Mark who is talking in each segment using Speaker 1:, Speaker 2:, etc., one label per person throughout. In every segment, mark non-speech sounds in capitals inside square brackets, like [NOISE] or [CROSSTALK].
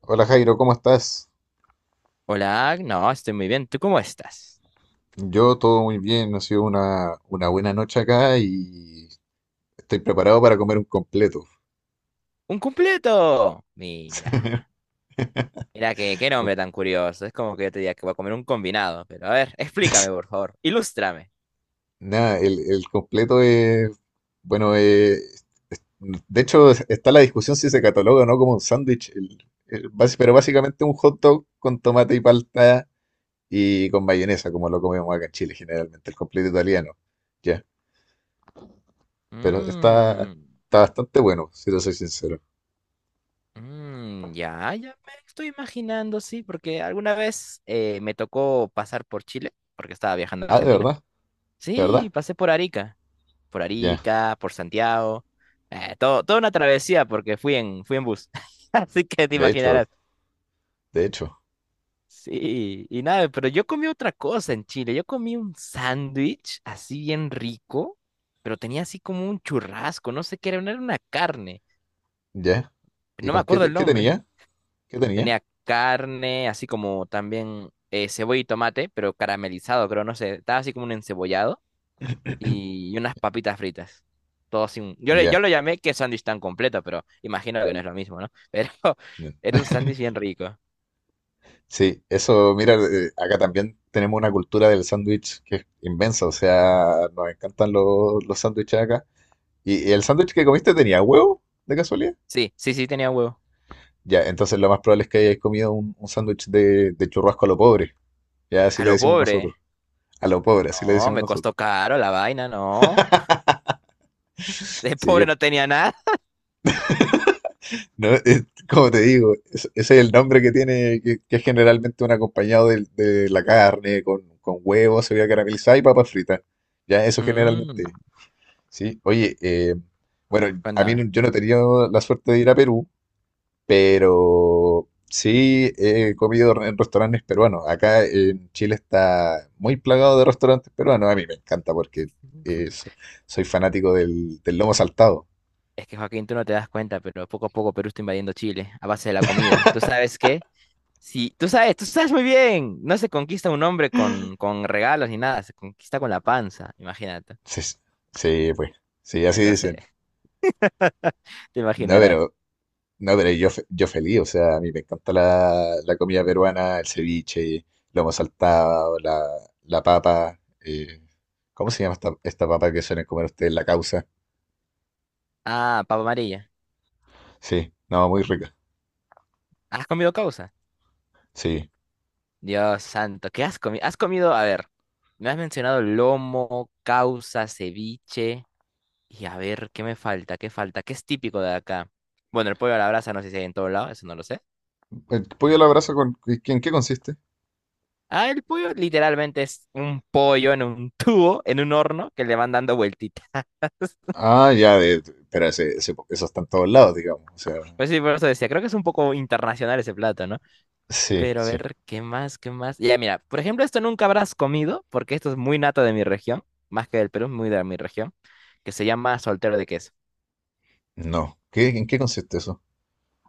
Speaker 1: Hola Jairo, ¿cómo estás?
Speaker 2: Hola, no, estoy muy bien. ¿Tú cómo estás?
Speaker 1: Yo todo muy bien, ha sido una buena noche acá y estoy preparado para comer un completo.
Speaker 2: ¡Un completo! Mira,
Speaker 1: [LAUGHS]
Speaker 2: mira qué nombre tan curioso. Es como que yo te diga que voy a comer un combinado. Pero a ver, explícame, por favor. Ilústrame.
Speaker 1: Nada, el completo es, bueno, de hecho está la discusión si se cataloga o no como un sándwich, pero básicamente un hot dog con tomate y palta y con mayonesa, como lo comemos acá en Chile generalmente, el completo italiano. Ya, pero
Speaker 2: Mmm,
Speaker 1: está bastante bueno, si te soy sincero.
Speaker 2: ya, ya me estoy imaginando, sí, porque alguna vez me tocó pasar por Chile, porque estaba viajando a
Speaker 1: Ah, ¿de
Speaker 2: Argentina.
Speaker 1: verdad? ¿De
Speaker 2: Sí,
Speaker 1: verdad?
Speaker 2: pasé por Arica, por
Speaker 1: Ya.
Speaker 2: Arica, por Santiago. Toda una travesía porque fui en bus. [LAUGHS] Así que te
Speaker 1: De hecho.
Speaker 2: imaginarás.
Speaker 1: De hecho,
Speaker 2: Sí, y nada, pero yo comí otra cosa en Chile. Yo comí un sándwich así bien rico, pero tenía así como un churrasco, no sé qué era, no era una carne,
Speaker 1: ya. ¿Y
Speaker 2: no me
Speaker 1: con qué,
Speaker 2: acuerdo el
Speaker 1: qué
Speaker 2: nombre.
Speaker 1: tenía? ¿Qué tenía?
Speaker 2: Tenía carne, así como también cebolla y tomate, pero caramelizado, creo, no sé, estaba así como un encebollado y unas papitas fritas. Todo sin... Yo, le-
Speaker 1: Ya.
Speaker 2: yo lo llamé que sándwich tan completo, pero imagino que no es lo mismo, ¿no? Pero [LAUGHS]
Speaker 1: Ya.
Speaker 2: era un sándwich bien rico.
Speaker 1: Sí, eso, mira, acá también tenemos una cultura del sándwich que es inmensa, o sea, nos encantan los sándwiches acá. Y el sándwich que comiste tenía huevo, de casualidad?
Speaker 2: Sí, sí, sí, tenía huevo.
Speaker 1: Ya, entonces lo más probable es que hayáis comido un sándwich de churrasco a lo pobre, ya así
Speaker 2: A
Speaker 1: le
Speaker 2: lo
Speaker 1: decimos nosotros,
Speaker 2: pobre.
Speaker 1: a lo pobre, así le
Speaker 2: No,
Speaker 1: decimos
Speaker 2: me costó
Speaker 1: nosotros.
Speaker 2: caro la vaina, no.
Speaker 1: [LAUGHS]
Speaker 2: [LAUGHS] De
Speaker 1: Sí.
Speaker 2: pobre no tenía nada.
Speaker 1: No, [LAUGHS] como te digo, ese es el nombre que tiene, que es generalmente un acompañado de la carne, con huevos, cebolla caramelizada y papas fritas. Ya, eso generalmente.
Speaker 2: Mm,
Speaker 1: Sí, oye, bueno, a mí
Speaker 2: cuéntame.
Speaker 1: yo no he tenido la suerte de ir a Perú, pero sí he comido en restaurantes peruanos. Acá en Chile está muy plagado de restaurantes peruanos. A mí me encanta porque eh, so- soy fanático del lomo saltado.
Speaker 2: Es que Joaquín, tú no te das cuenta, pero poco a poco Perú está invadiendo Chile a base de la comida. ¿Tú sabes qué? Sí, tú sabes muy bien. No se conquista un hombre con regalos ni nada, se conquista con la panza, imagínate.
Speaker 1: Sí, sí, pues, sí, así
Speaker 2: Entonces,
Speaker 1: dicen.
Speaker 2: [LAUGHS] te
Speaker 1: No,
Speaker 2: imaginarás.
Speaker 1: pero no, pero yo, yo feliz, o sea, a mí me encanta la comida peruana, el ceviche, lomo saltado, la papa. ¿Cómo se llama esta papa que suelen comer ustedes? La causa.
Speaker 2: Ah, papa amarilla.
Speaker 1: Sí, no, muy rica.
Speaker 2: ¿Has comido causa?
Speaker 1: Sí.
Speaker 2: Dios santo, ¿qué has comido? ¿Has comido? A ver, me has mencionado lomo, causa, ceviche. Y a ver, ¿qué me falta? ¿Qué falta? ¿Qué es típico de acá? Bueno, el pollo a la brasa no sé si hay en todo lado, eso no lo sé.
Speaker 1: ¿El pollo a la
Speaker 2: Eh,
Speaker 1: brasa con, en qué consiste?
Speaker 2: Ah, el pollo literalmente es un pollo en un [LAUGHS] tubo, en un horno, que le van dando vueltitas. [LAUGHS]
Speaker 1: Ah, ya, pero eso está en todos lados, digamos. O sea,
Speaker 2: Pues sí, por eso decía, creo que es un poco internacional ese plato, ¿no?
Speaker 1: sí,
Speaker 2: Pero a
Speaker 1: sí.
Speaker 2: ver, ¿qué más? ¿Qué más? Ya, mira, por ejemplo, esto nunca habrás comido, porque esto es muy nato de mi región, más que del Perú, muy de mi región, que se llama soltero de queso.
Speaker 1: No. ¿Qué, en qué consiste eso?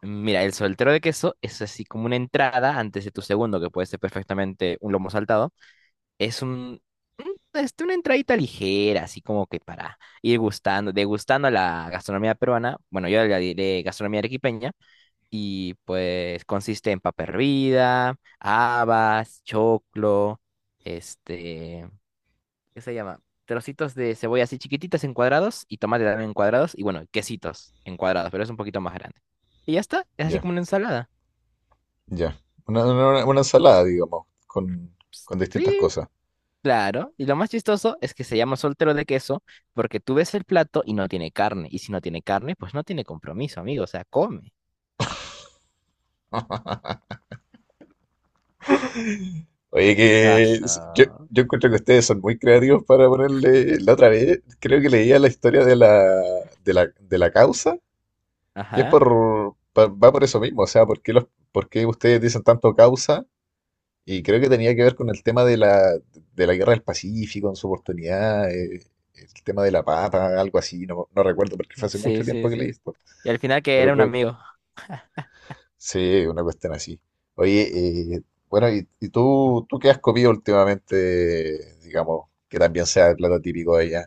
Speaker 2: Mira, el soltero de queso es así como una entrada antes de tu segundo, que puede ser perfectamente un lomo saltado. Es un, este, una entradita ligera, así como que para ir gustando, degustando la gastronomía peruana. Bueno, yo la diré gastronomía arequipeña. Y pues consiste en papa hervida, habas, choclo, este, ¿qué se llama? Trocitos de cebolla así chiquititas en cuadrados y tomate también en cuadrados. Y bueno, quesitos en cuadrados, pero es un poquito más grande. Y ya está, es así
Speaker 1: Ya,
Speaker 2: como una ensalada.
Speaker 1: ya. Una, una ensalada, digamos,
Speaker 2: Pues,
Speaker 1: con distintas
Speaker 2: sí,
Speaker 1: cosas.
Speaker 2: claro, y lo más chistoso es que se llama soltero de queso porque tú ves el plato y no tiene carne, y si no tiene carne, pues no tiene compromiso, amigo, o sea, come.
Speaker 1: [LAUGHS] Oye, que
Speaker 2: Gaso.
Speaker 1: yo encuentro que ustedes son muy creativos para ponerle. La otra vez creo que leía la historia de la causa y es
Speaker 2: Ajá.
Speaker 1: por, va por eso mismo. O sea, ¿por qué, por qué ustedes dicen tanto causa? Y creo que tenía que ver con el tema de la guerra del Pacífico en su oportunidad, el tema de la papa, algo así. No, no recuerdo porque fue hace
Speaker 2: Sí,
Speaker 1: mucho
Speaker 2: sí,
Speaker 1: tiempo que leí
Speaker 2: sí.
Speaker 1: esto,
Speaker 2: Y al final que
Speaker 1: pero
Speaker 2: era un
Speaker 1: creo
Speaker 2: amigo.
Speaker 1: sí, una cuestión así. Oye, bueno, y tú qué has comido últimamente, digamos, que también sea el plato típico de allá?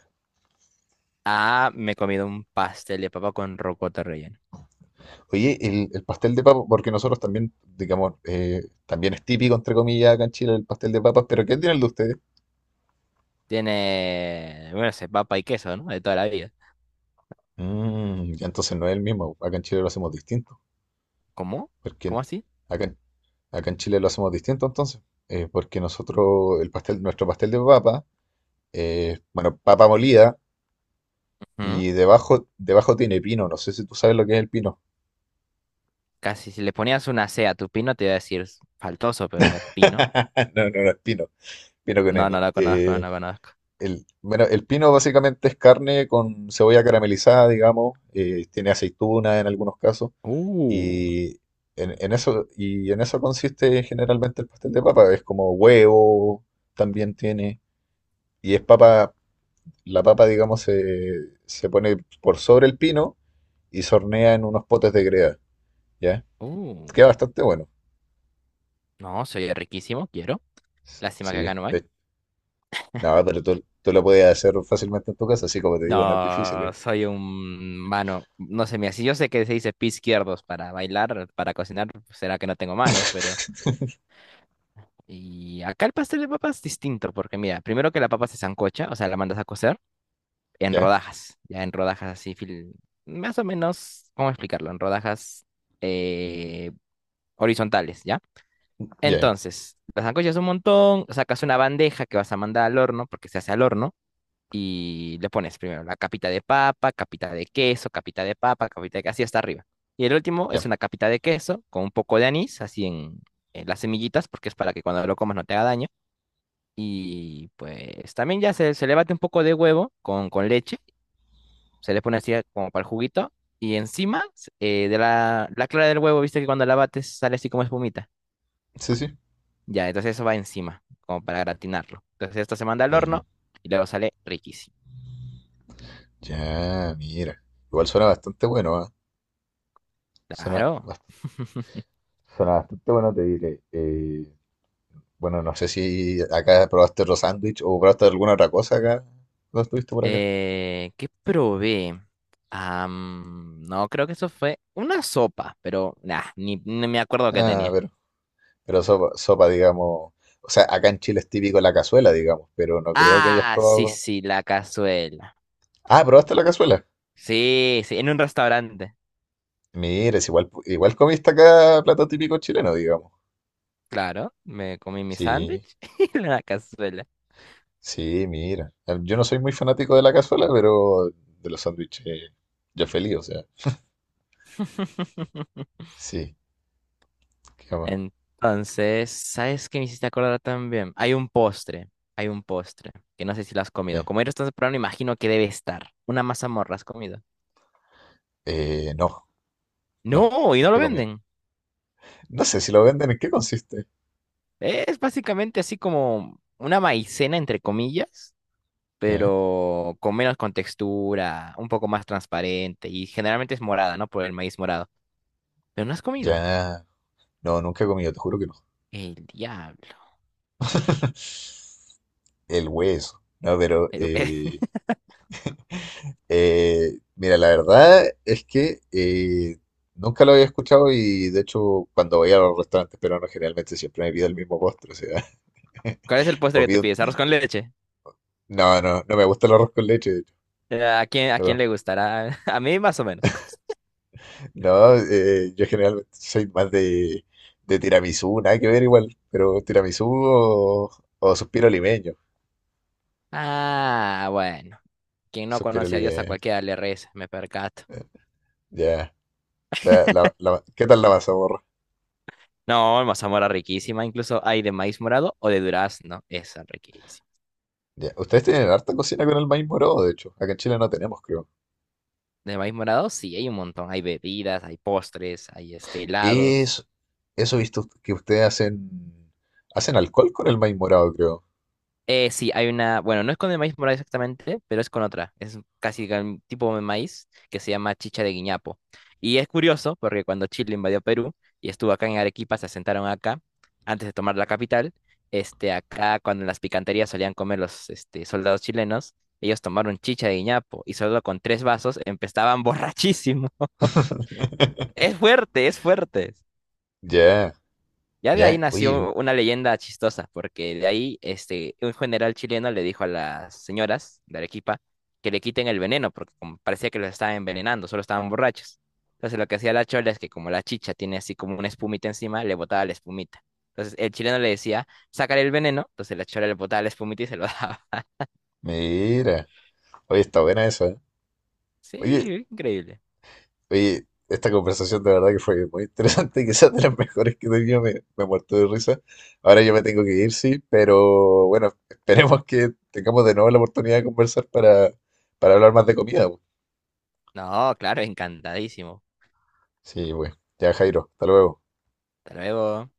Speaker 2: Ah, me he comido un pastel de papa con rocoto relleno.
Speaker 1: Oye, el pastel de papa, porque nosotros también, digamos, también es típico, entre comillas, acá en Chile el pastel de papas, pero ¿qué tiene el de ustedes?
Speaker 2: Tiene, bueno, sé, papa y queso, ¿no? De toda la vida.
Speaker 1: Mm, ya entonces no es el mismo, acá en Chile lo hacemos distinto,
Speaker 2: ¿Cómo?
Speaker 1: porque
Speaker 2: ¿Cómo así?
Speaker 1: acá, en- acá en Chile lo hacemos distinto entonces, porque nosotros, el pastel, nuestro pastel de papa, bueno, papa molida.
Speaker 2: Ujú.
Speaker 1: Y debajo tiene pino. No sé si tú sabes lo que es el pino.
Speaker 2: Casi, si le ponías una C a tu pino, te iba a decir faltoso, pero a ver, pino.
Speaker 1: [LAUGHS] No, no, no es pino. Pino con
Speaker 2: No, no
Speaker 1: N.
Speaker 2: lo conozco, no lo conozco.
Speaker 1: Bueno, el pino básicamente es carne con cebolla caramelizada, digamos. Tiene aceituna en algunos casos.
Speaker 2: Uh,
Speaker 1: Y y en eso consiste generalmente el pastel de papa. Es como huevo, también tiene. Y es la papa, digamos, se pone por sobre el pino y se hornea en unos potes de greda. ¿Ya?
Speaker 2: uh.
Speaker 1: Queda bastante bueno.
Speaker 2: No, se oye riquísimo, quiero. Lástima que acá
Speaker 1: Sí,
Speaker 2: no hay.
Speaker 1: de, No, pero tú lo podías hacer fácilmente en tu casa, así como te digo, no es difícil.
Speaker 2: No,
Speaker 1: ¿Eh?
Speaker 2: soy un mano. No sé, mira, si yo sé que se dice pie izquierdos para bailar, para cocinar, será que no tengo manos, pero. Y acá el pastel de papas es distinto, porque mira, primero que la papa se sancocha, o sea, la mandas a cocer en
Speaker 1: Ya,
Speaker 2: rodajas, ya en rodajas así, fil- más o menos, ¿cómo explicarlo? En rodajas eh, horizontales, ¿ya?
Speaker 1: ya,
Speaker 2: Entonces, las sancochas un montón, sacas una bandeja que vas a mandar al horno, porque se hace al horno. Y le pones primero la capita de papa, capita de queso, capita de papa, capita de queso, así hasta arriba. Y el último es
Speaker 1: ya.
Speaker 2: una capita de queso con un poco de anís, así en las semillitas, porque es para que cuando lo comas no te haga daño. Y pues también ya se le bate un poco de huevo con leche, se le pone así como para el juguito. Y encima de la clara del huevo, viste que cuando la bates sale así como espumita.
Speaker 1: Sí, sí.
Speaker 2: Ya, entonces eso va encima, como para gratinarlo. Entonces esto se manda al
Speaker 1: Ya,
Speaker 2: horno y luego sale riquísimo.
Speaker 1: ya, mira. Igual suena bastante bueno, ¿ah? Suena
Speaker 2: Claro.
Speaker 1: bastante, suena bastante bueno, te diré. Bueno, no sé si acá probaste otro sándwich o probaste alguna otra cosa acá. ¿No estuviste por acá?
Speaker 2: ¿Qué probé? No, creo que eso fue una sopa, pero nah, ni me acuerdo qué
Speaker 1: Ah,
Speaker 2: tenía.
Speaker 1: pero sopa, digamos. O sea, acá en Chile es típico la cazuela, digamos, pero no creo que hayas
Speaker 2: Ah, sí,
Speaker 1: probado.
Speaker 2: sí, la cazuela.
Speaker 1: Ah, ¿probaste la cazuela?
Speaker 2: Sí, sí, en un restaurante.
Speaker 1: Mira, es igual, igual comiste acá plato típico chileno, digamos.
Speaker 2: Claro, me comí mi
Speaker 1: Sí,
Speaker 2: sándwich [LAUGHS] y la cazuela.
Speaker 1: sí, mira. Yo no soy muy fanático de la cazuela, pero de los sándwiches ya feliz, o sea.
Speaker 2: [LAUGHS]
Speaker 1: Sí, qué más.
Speaker 2: Entonces, ¿sabes qué me hiciste acordar también? Hay un postre, que no sé si lo has comido.
Speaker 1: Ya.
Speaker 2: Como eres tan temprano, imagino que debe estar. Una mazamorra, ¿has comido?
Speaker 1: Eh, no, no,
Speaker 2: No, y no
Speaker 1: nunca
Speaker 2: lo
Speaker 1: he comido.
Speaker 2: venden.
Speaker 1: No sé si lo venden, ¿en qué consiste?
Speaker 2: Es básicamente así como una maicena, entre comillas,
Speaker 1: Ya,
Speaker 2: pero con menos contextura, un poco más transparente y generalmente es morada, ¿no? Por el maíz morado. Pero no has comido.
Speaker 1: ya. No, nunca he comido, te juro que no.
Speaker 2: El diablo.
Speaker 1: [LAUGHS] El hueso. No, pero
Speaker 2: El- [LAUGHS]
Speaker 1: mira, la verdad es que nunca lo había escuchado y de hecho cuando voy a los restaurantes peruanos generalmente siempre me pido el mismo postre, o sea,
Speaker 2: ¿Cuál es el
Speaker 1: [LAUGHS]
Speaker 2: postre
Speaker 1: o
Speaker 2: que te
Speaker 1: pido
Speaker 2: pides? ¿Arroz con leche?
Speaker 1: no, no, no me gusta el arroz con leche, de hecho.
Speaker 2: ¿A quién
Speaker 1: No,
Speaker 2: le gustará? [LAUGHS] A mí más o menos.
Speaker 1: no, yo generalmente soy de tiramisú, nada que ver igual, pero tiramisú o suspiro limeño.
Speaker 2: Ah, bueno. Quien no
Speaker 1: Suspiro
Speaker 2: conoce a Dios a
Speaker 1: limeño,
Speaker 2: cualquiera le reza, me percato.
Speaker 1: ya. ¿Qué tal la mazamorra?
Speaker 2: No, mazamorra riquísima, incluso hay de maíz morado o de durazno, esa riquísima.
Speaker 1: Ya. Ustedes tienen harta cocina con el maíz morado, de hecho. Acá en Chile no tenemos, creo.
Speaker 2: De maíz morado, sí, hay un montón. Hay bebidas, hay postres, hay este, helados.
Speaker 1: Es, eso he visto que ustedes hacen alcohol con el maíz morado, creo.
Speaker 2: Sí, hay una, bueno, no es con el maíz morado exactamente, pero es con otra. Es casi el tipo de maíz que se llama chicha de guiñapo. Y es curioso porque cuando Chile invadió Perú y estuvo acá en Arequipa, se asentaron acá antes de tomar la capital. Este, acá cuando en las picanterías solían comer los este, soldados chilenos, ellos tomaron chicha de guiñapo y solo con tres vasos empezaban borrachísimo. [LAUGHS]
Speaker 1: [LAUGHS]
Speaker 2: Es fuerte, es fuerte.
Speaker 1: Ya,
Speaker 2: Ya de ahí
Speaker 1: ya. Oye,
Speaker 2: nació una leyenda chistosa, porque de ahí este, un general chileno le dijo a las señoras de Arequipa que le quiten el veneno, porque como parecía que los estaban envenenando, solo estaban borrachos. Entonces lo que hacía la chola es que como la chicha tiene así como una espumita encima, le botaba la espumita. Entonces el chileno le decía, sácale el veneno, entonces la chola le botaba la espumita y se lo daba. [LAUGHS]
Speaker 1: mira. Oye, está buena esa, ¿eh? Oye,
Speaker 2: Sí, increíble.
Speaker 1: oye, esta conversación de verdad que fue muy interesante, [LAUGHS] quizás de las mejores que he tenido, me he muerto de risa. Ahora yo me tengo que ir, sí, pero bueno, [LAUGHS] esperemos que tengamos de nuevo la oportunidad de conversar para hablar más de comida, pues.
Speaker 2: No, claro, encantadísimo.
Speaker 1: Sí, pues, ya Jairo, hasta luego.
Speaker 2: Hasta luego.